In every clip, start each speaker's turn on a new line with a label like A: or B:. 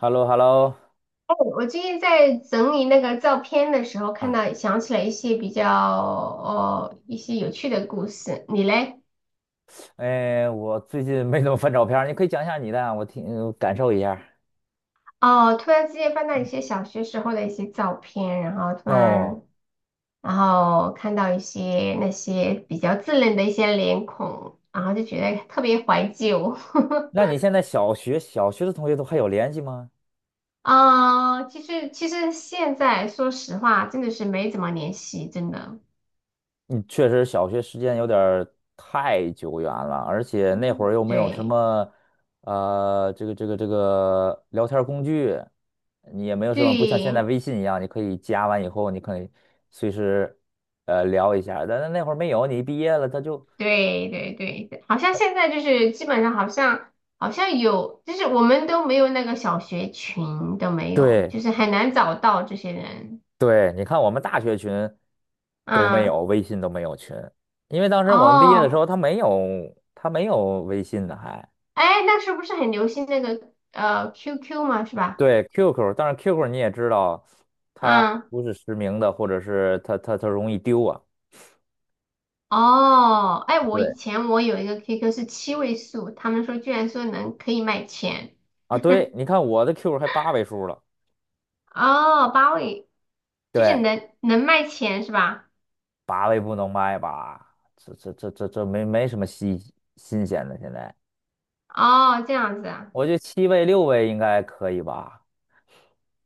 A: Hello hello.
B: 我最近在整理那个照片的时候，看
A: 啊，
B: 到想起来一些比较哦一些有趣的故事。你嘞？
A: 哎，我最近没怎么翻照片儿，你可以讲一下你的啊我听感受一下。
B: 哦，突然之间翻到一些小学时候的一些照片，然后突
A: 哦，
B: 然然后看到一些那些比较稚嫩的一些脸孔，然后就觉得特别怀旧。
A: 那你现在小学的同学都还有联系吗？
B: 其实现在说实话，真的是没怎么联系，真的。
A: 你确实小学时间有点儿太久远了，而且那会
B: 嗯，
A: 儿又没有什
B: 对
A: 么这个聊天儿工具，你也没有什么，不像现在
B: 对，
A: 微信一样，你可以加完以后，你可以随时聊一下，但是那会儿没有，你一毕业了他就。
B: 对对对，好像现在就是基本上好像有，就是我们都没有那个小学群都没有，
A: 对。
B: 就是很难找到这些人。
A: 对，你看我们大学群都没
B: 嗯，
A: 有，微信都没有群，因为当时我们毕业的时
B: 哦，
A: 候，他没有微信的还，
B: 哎，那时候不是很流行那个QQ 嘛，是吧？
A: 对 QQ，但是 QQ 你也知道，它
B: 嗯，
A: 不是实名的，或者是它容易丢啊。
B: 哦，哎，我以
A: 对
B: 前我有一个 QQ 是7位数，他们说居然说能可以卖钱，
A: 啊，对，你看我的 QQ 还8位数了，
B: 哦，8位就是
A: 对，
B: 能卖钱是吧？
A: 八位不能卖吧？这没什么新鲜的，现在
B: 哦，这样子啊。
A: 我觉得7位6位应该可以吧？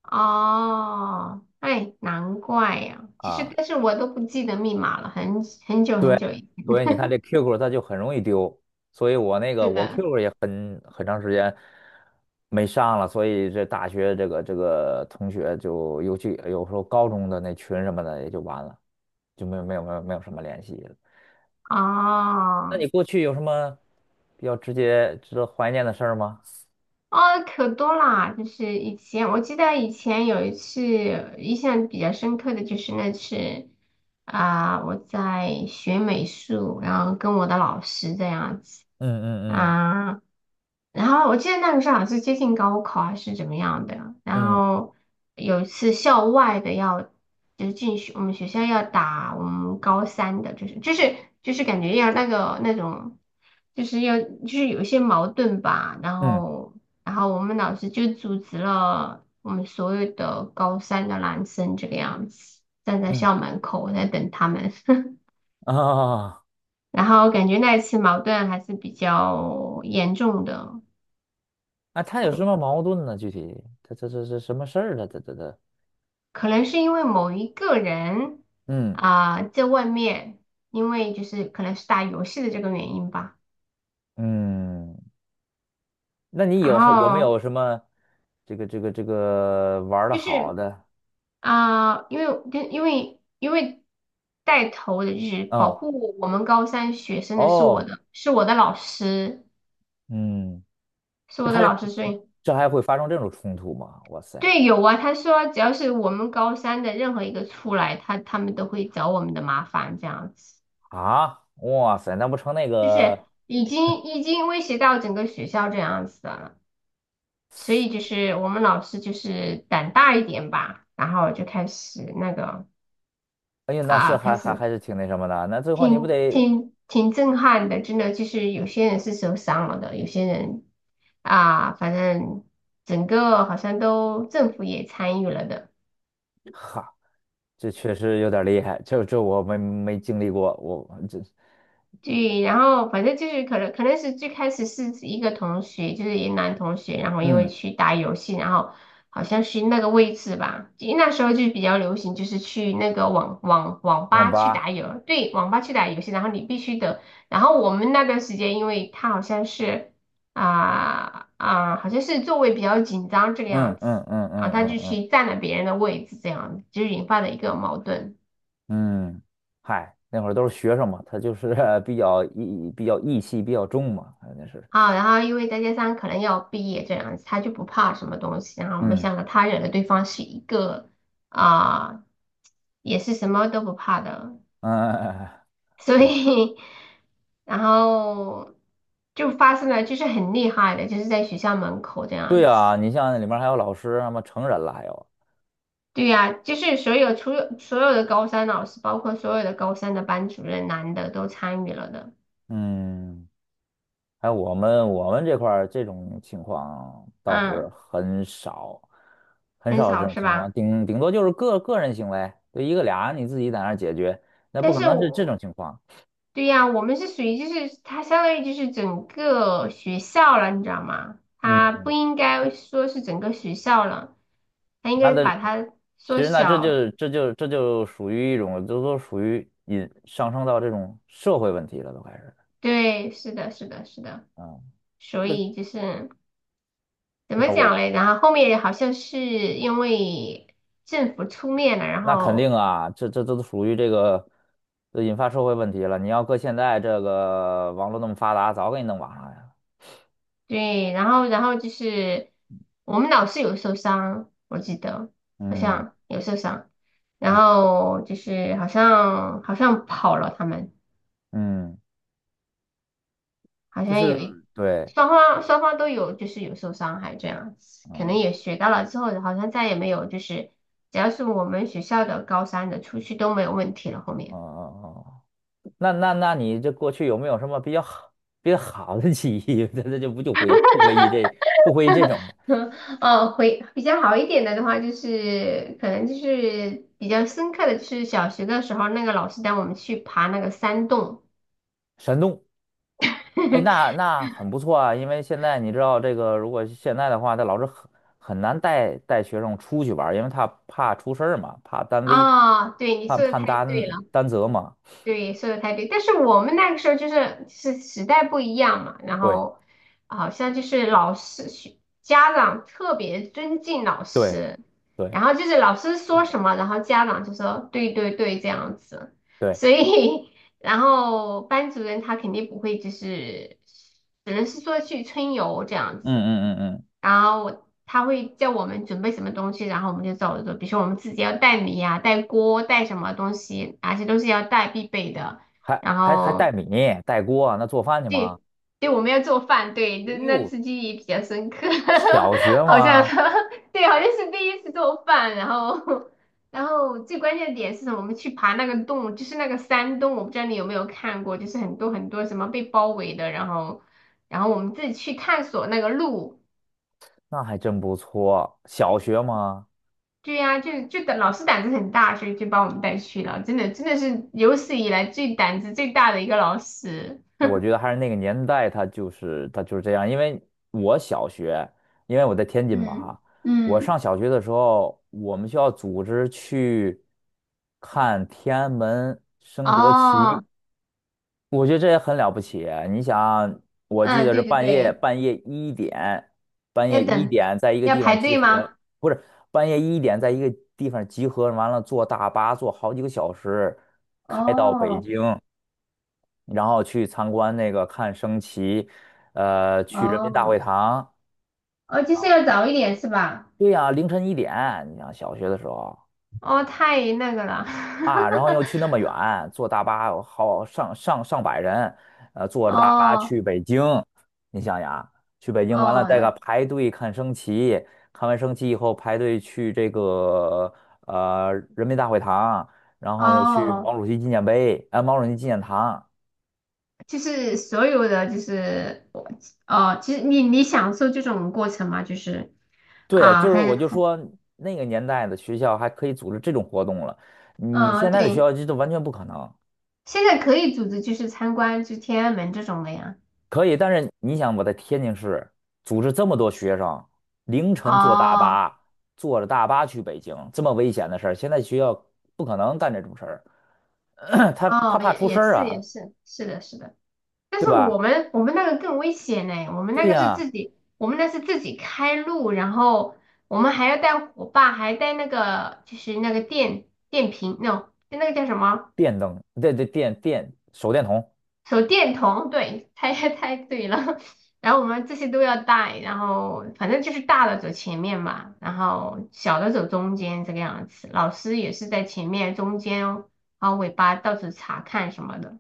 B: 哦，哎，难怪呀、其实，
A: 啊。
B: 但是我都不记得密码了，很久很久以。
A: 所以你看这 QQ 它就很容易丢，所以我那个
B: 是
A: 我
B: 的。
A: QQ 也很长时间没上了，所以这大学这个同学就尤其有时候高中的那群什么的也就完了，就没有什么联系了。那
B: 哦，
A: 你过去有什么比较直接值得怀念的事儿吗？
B: 哦，可多啦！就是以前，我记得以前有一次印象比较深刻的就是那次我在学美术，然后跟我的老师这样子
A: 嗯嗯
B: 啊、然后我记得那个时候好像是接近高考还是怎么样的，然
A: 嗯
B: 后有一次校外的要就是进学我们学校要打我们高三的，就是感觉要那个那种。就是要就是有一些矛盾吧，然
A: 嗯
B: 后然后我们老师就组织了我们所有的高三的男生这个样子，站在
A: 嗯
B: 校门口在等他们。
A: 嗯。啊
B: 然后感觉那一次矛盾还是比较严重的，
A: 啊！他有什么矛盾呢？具体他这什么事儿呢？这这这
B: 可能是因为某一个人
A: 嗯
B: 在外面，因为就是可能是打游戏的这个原因吧。
A: 嗯。那你
B: 然
A: 有没有
B: 后
A: 什么这个玩的
B: 就
A: 好
B: 是
A: 的。
B: 因为带头的就是保
A: 啊？
B: 护我们高三学生的是
A: 哦，
B: 我的是我的老师。
A: 嗯，
B: 是
A: 这
B: 我的
A: 还
B: 老师说，
A: 这还会发生这种冲突吗？哇塞。
B: 对，有啊。他说，只要是我们高三的任何一个出来，他们都会找我们的麻烦，这样子，
A: 啊，哇塞，那不成那
B: 就是
A: 个？
B: 已经威胁到整个学校这样子的了。所以就是我们老师就是胆大一点吧，然后就开始
A: 哎呀，那是
B: 开
A: 还还
B: 始
A: 还是挺那什么的。那最后你不
B: 挺
A: 得。
B: 挺挺震撼的，真的就是有些人是受伤了的，有些人啊，反正整个好像都政府也参与了的。
A: 哈？这确实有点厉害，这我没经历过，我这。
B: 对，然后反正就是可能是最开始是一个同学，就是一男同学，然后因
A: 嗯，
B: 为去打游戏，然后好像是那个位置吧，因为那时候就比较流行，就是去那个网网网
A: 网
B: 吧去打
A: 吧。
B: 游，对，网吧去打游戏，然后你必须得，然后我们那段时间，因为他好像是啊啊、好像是座位比较紧张这个
A: 嗯
B: 样子，
A: 嗯嗯
B: 然后
A: 嗯
B: 他
A: 嗯
B: 就
A: 嗯
B: 去占了别人的位置，这样子就引发了一个矛盾。
A: 嗯。嗨，那会儿都是学生嘛，他就是 比较义气比较重嘛，那是。
B: 啊，然后因为再加上可能要毕业这样子，他就不怕什么东西。然后没
A: 嗯，
B: 想到他惹的对方是一个啊、也是什么都不怕的，
A: 哎哎哎哎，
B: 所
A: 对
B: 以 然后就发生了，就是很厉害的，就是在学校门口这
A: 对
B: 样子。
A: 啊，你像里面还有老师，什么成人了，还有。
B: 对呀、就是所有除了所有的高三老师，包括所有的高三的班主任，男的都参与了的。
A: 嗯，还有我们这块儿这种情况倒是
B: 嗯，
A: 很少，很
B: 很
A: 少有这
B: 少
A: 种
B: 是
A: 情况，
B: 吧？
A: 顶多就是个人行为，就一个俩你自己在那儿解决，那不
B: 但
A: 可
B: 是
A: 能是这种
B: 我
A: 情况。
B: 对呀，我们是属于就是它相当于就是整个学校了，你知道吗？它
A: 嗯，
B: 不应该说是整个学校了，它应
A: 那
B: 该
A: 的，
B: 把它
A: 其
B: 缩
A: 实那这
B: 小。
A: 就这就这就属于一种，这都属于引上升到这种社会问题了，都开始。
B: 对，是的，是的，是的。
A: 嗯，
B: 所
A: 这。
B: 以就是怎么
A: 那我
B: 讲嘞？然后后面好像是因为政府出面了，然
A: 那肯定
B: 后
A: 啊，这这这都属于这个，这引发社会问题了。你要搁现在这个网络那么发达，早给你弄网上呀。
B: 对，然后就是我们老师有受伤，我记得好
A: 嗯
B: 像有受伤，然后就是好像跑了他们。
A: 嗯。
B: 好
A: 就
B: 像
A: 是。
B: 有一
A: 对。
B: 双方都有，就是有受伤害这样子，可能
A: 嗯。
B: 也学到了之后，好像再也没有就是，只要是我们学校的高三的出去都没有问题了。后
A: 哦
B: 面，
A: 哦哦，那那你这过去有没有什么比较好的记忆？那就不就回不回忆这不回忆这种了。
B: 哦，回比较好一点的话，就是可能就是比较深刻的，就是小学的时候那个老师带我们去爬那个山洞。
A: 山东。哎，那 那很不错啊，因为现在你知道这个，如果现在的话，他老师很很难带学生出去玩儿，因为他怕出事儿嘛，怕担危，
B: 啊。对，你
A: 怕
B: 说的
A: 怕
B: 太对
A: 担
B: 了。
A: 担责嘛。
B: 对，说的太对，但是我们那个时候就是时代不一样嘛，然
A: 对
B: 后好像就是老师、家长特别尊敬老
A: 对
B: 师，
A: 对。
B: 然后就是老师说
A: 嗯。
B: 什么，然后家长就说对对对这样子，
A: 对。
B: 所以 然后班主任他肯定不会就是只能是说去春游这样
A: 嗯
B: 子。
A: 嗯嗯嗯。
B: 然后他会叫我们准备什么东西，然后我们就走着做。比如说我们自己要带米呀、带锅、带什么东西，哪些都是要带必备的。
A: 还
B: 然
A: 还还带
B: 后
A: 米带锅，那做饭去吗？
B: 对，对，我们要做饭，对，
A: 哎
B: 那那
A: 呦，
B: 次记忆比较深刻，
A: 小学
B: 好像
A: 吗？
B: 对，好像是第一次做饭。然后，最关键的点是什么？我们去爬那个洞，就是那个山洞，我不知道你有没有看过，就是很多很多什么被包围的，然后，我们自己去探索那个路。
A: 那还真不错，小学吗？
B: 对呀、就就胆老师胆子很大，所以就把我们带去了。真的，真的是有史以来最胆子最大的一个老师。
A: 哎，我觉得还是那个年代，他就是这样。因为我小学，因为我在天津嘛
B: 嗯
A: 哈，我上
B: 嗯，
A: 小学的时候，我们学校组织去看天安门升国旗，
B: 哦，
A: 我觉得这也很了不起啊。你想，我记
B: 嗯，
A: 得是
B: 对对
A: 半夜
B: 对，
A: 半夜一点，半夜
B: 要
A: 一
B: 等，
A: 点在一个
B: 要
A: 地方
B: 排
A: 集
B: 队
A: 合。
B: 吗？
A: 不是。半夜一点在一个地方集合，完了坐大巴坐好几个小时开到北
B: 哦
A: 京。然后去参观那个看升旗，去人民大会
B: 哦
A: 堂。
B: 哦，就是要早一点是吧？
A: 对呀，凌晨1点，你想小学的时候。
B: 哦，太那个了。
A: 啊，然 后又去那么远，坐大巴有好上百人，坐着大巴
B: 哦
A: 去北京。你想想，去北京完了，再个
B: 哦
A: 排队看升旗，看完升旗以后排队去这个人民大会堂，然后又去
B: 哦，
A: 毛主席纪念碑，毛主席纪念堂，
B: 就是所有的就是我哦，其实你享受这种过程吗？就是
A: 对，
B: 啊，
A: 就是我就说那个年代的学校还可以组织这种活动了，你
B: 嗯，
A: 现在的学
B: 对。
A: 校这都完全不可能。
B: 现在可以组织就是参观就天安门这种的呀。
A: 可以，但是你想我在天津市组织这么多学生，凌晨坐大
B: 哦
A: 巴，坐着大巴去北京，这么危险的事儿，现在学校不可能干这种事儿，他
B: 哦，
A: 怕
B: 也
A: 出事
B: 也
A: 儿
B: 是
A: 啊，
B: 也是，是的是的。但
A: 对
B: 是我
A: 吧？
B: 们我们那个更危险呢，我们那
A: 对
B: 个是
A: 呀。
B: 自己，我们那是自己开路，然后我们还要带火把，还带那个就是那个电瓶那种就那个叫什么？
A: 电灯，对对，手电筒。
B: 手电筒，对，猜 猜对了。然后我们这些都要带，然后反正就是大的走前面嘛，然后小的走中间这个样子。老师也是在前面、中间哦，然后尾巴到处查看什么的。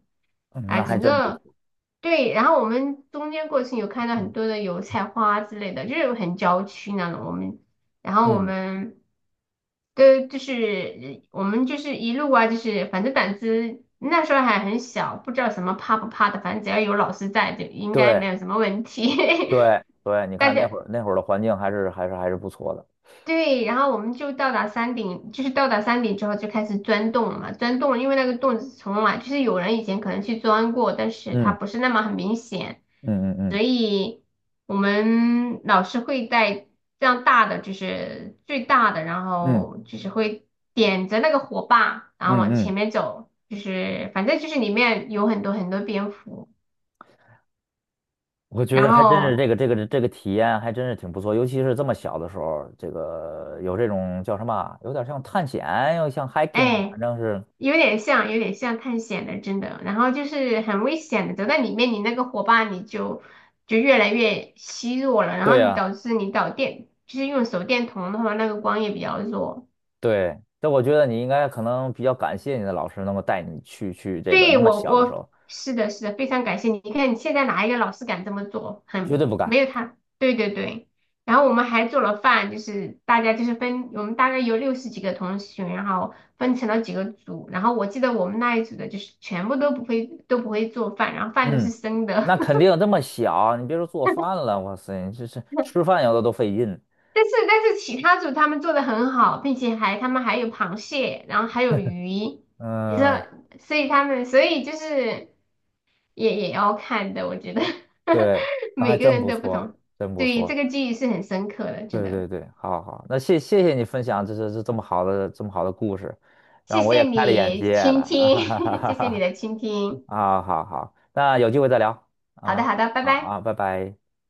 A: 嗯，
B: 啊，
A: 那还真不错。
B: 对，然后我们中间过程有看到很多的油菜花之类的，就是很郊区那种。然后我
A: 嗯，
B: 们都就是我们就是一路啊，就是反正胆子那时候还很小，不知道什么怕不怕的，反正只要有老师在，就应该没
A: 对
B: 有什么问题。
A: 对对，你
B: 大
A: 看那
B: 家
A: 会儿那会儿的环境还是不错的。
B: 对，然后我们就到达山顶，就是到达山顶之后就开始钻洞了嘛，钻洞了，因为那个洞从来就是有人以前可能去钻过，但是它
A: 嗯。
B: 不是那么很明显，
A: 嗯嗯
B: 所以我们老师会带这样大的，就是最大的，然
A: 嗯
B: 后
A: 嗯
B: 就是会点着那个火把，然后
A: 嗯
B: 往
A: 嗯，
B: 前面走，就是反正就是里面有很多很多蝙蝠，
A: 我觉
B: 然
A: 得还真是这
B: 后
A: 个这个这个体验还真是挺不错，尤其是这么小的时候，这个有这种叫什么啊，有点像探险，又像 hiking，
B: 哎。
A: 反正是
B: 有点像，有点像探险的，真的。然后就是很危险的，走在里面，你那个火把你就越来越虚弱了，然
A: 对
B: 后
A: 呀、
B: 导致你导电，就是用手电筒的话，那个光也比较弱。
A: 对。但我觉得你应该可能比较感谢你的老师能够带你去这个
B: 对，
A: 那么
B: 我
A: 小的时
B: 我
A: 候，
B: 是的，是的，非常感谢你。你看，你现在哪一个老师敢这么做？
A: 绝
B: 很
A: 对不敢。
B: 没有他，对对对。然后我们还做了饭，就是大家就是分，我们大概有60几个同学，然后分成了几个组。然后我记得我们那一组的就是全部都不会做饭，然后饭都是
A: 嗯，
B: 生的。
A: 那肯 定这么小，你别说做饭了，哇塞，你这是吃饭有的都费劲。
B: 但是其他组他们做的很好，并且他们还有螃蟹，然后还有鱼。你知道，
A: 嗯，
B: 所以他们所以就是。也要看的，我觉得
A: 对，那还
B: 每个
A: 真
B: 人
A: 不
B: 都不
A: 错，
B: 同，
A: 真不
B: 对这
A: 错。
B: 个记忆是很深刻的，真
A: 对
B: 的。
A: 对对，好好好，那谢谢你分享这这么好的故事，
B: 谢
A: 让我也
B: 谢
A: 开了眼
B: 你
A: 界
B: 倾听，
A: 了，
B: 谢谢你 的倾听。
A: 啊，好好，那有机会再聊，好
B: 好的，
A: 吗？
B: 好的，拜
A: 好
B: 拜。
A: 啊，拜拜。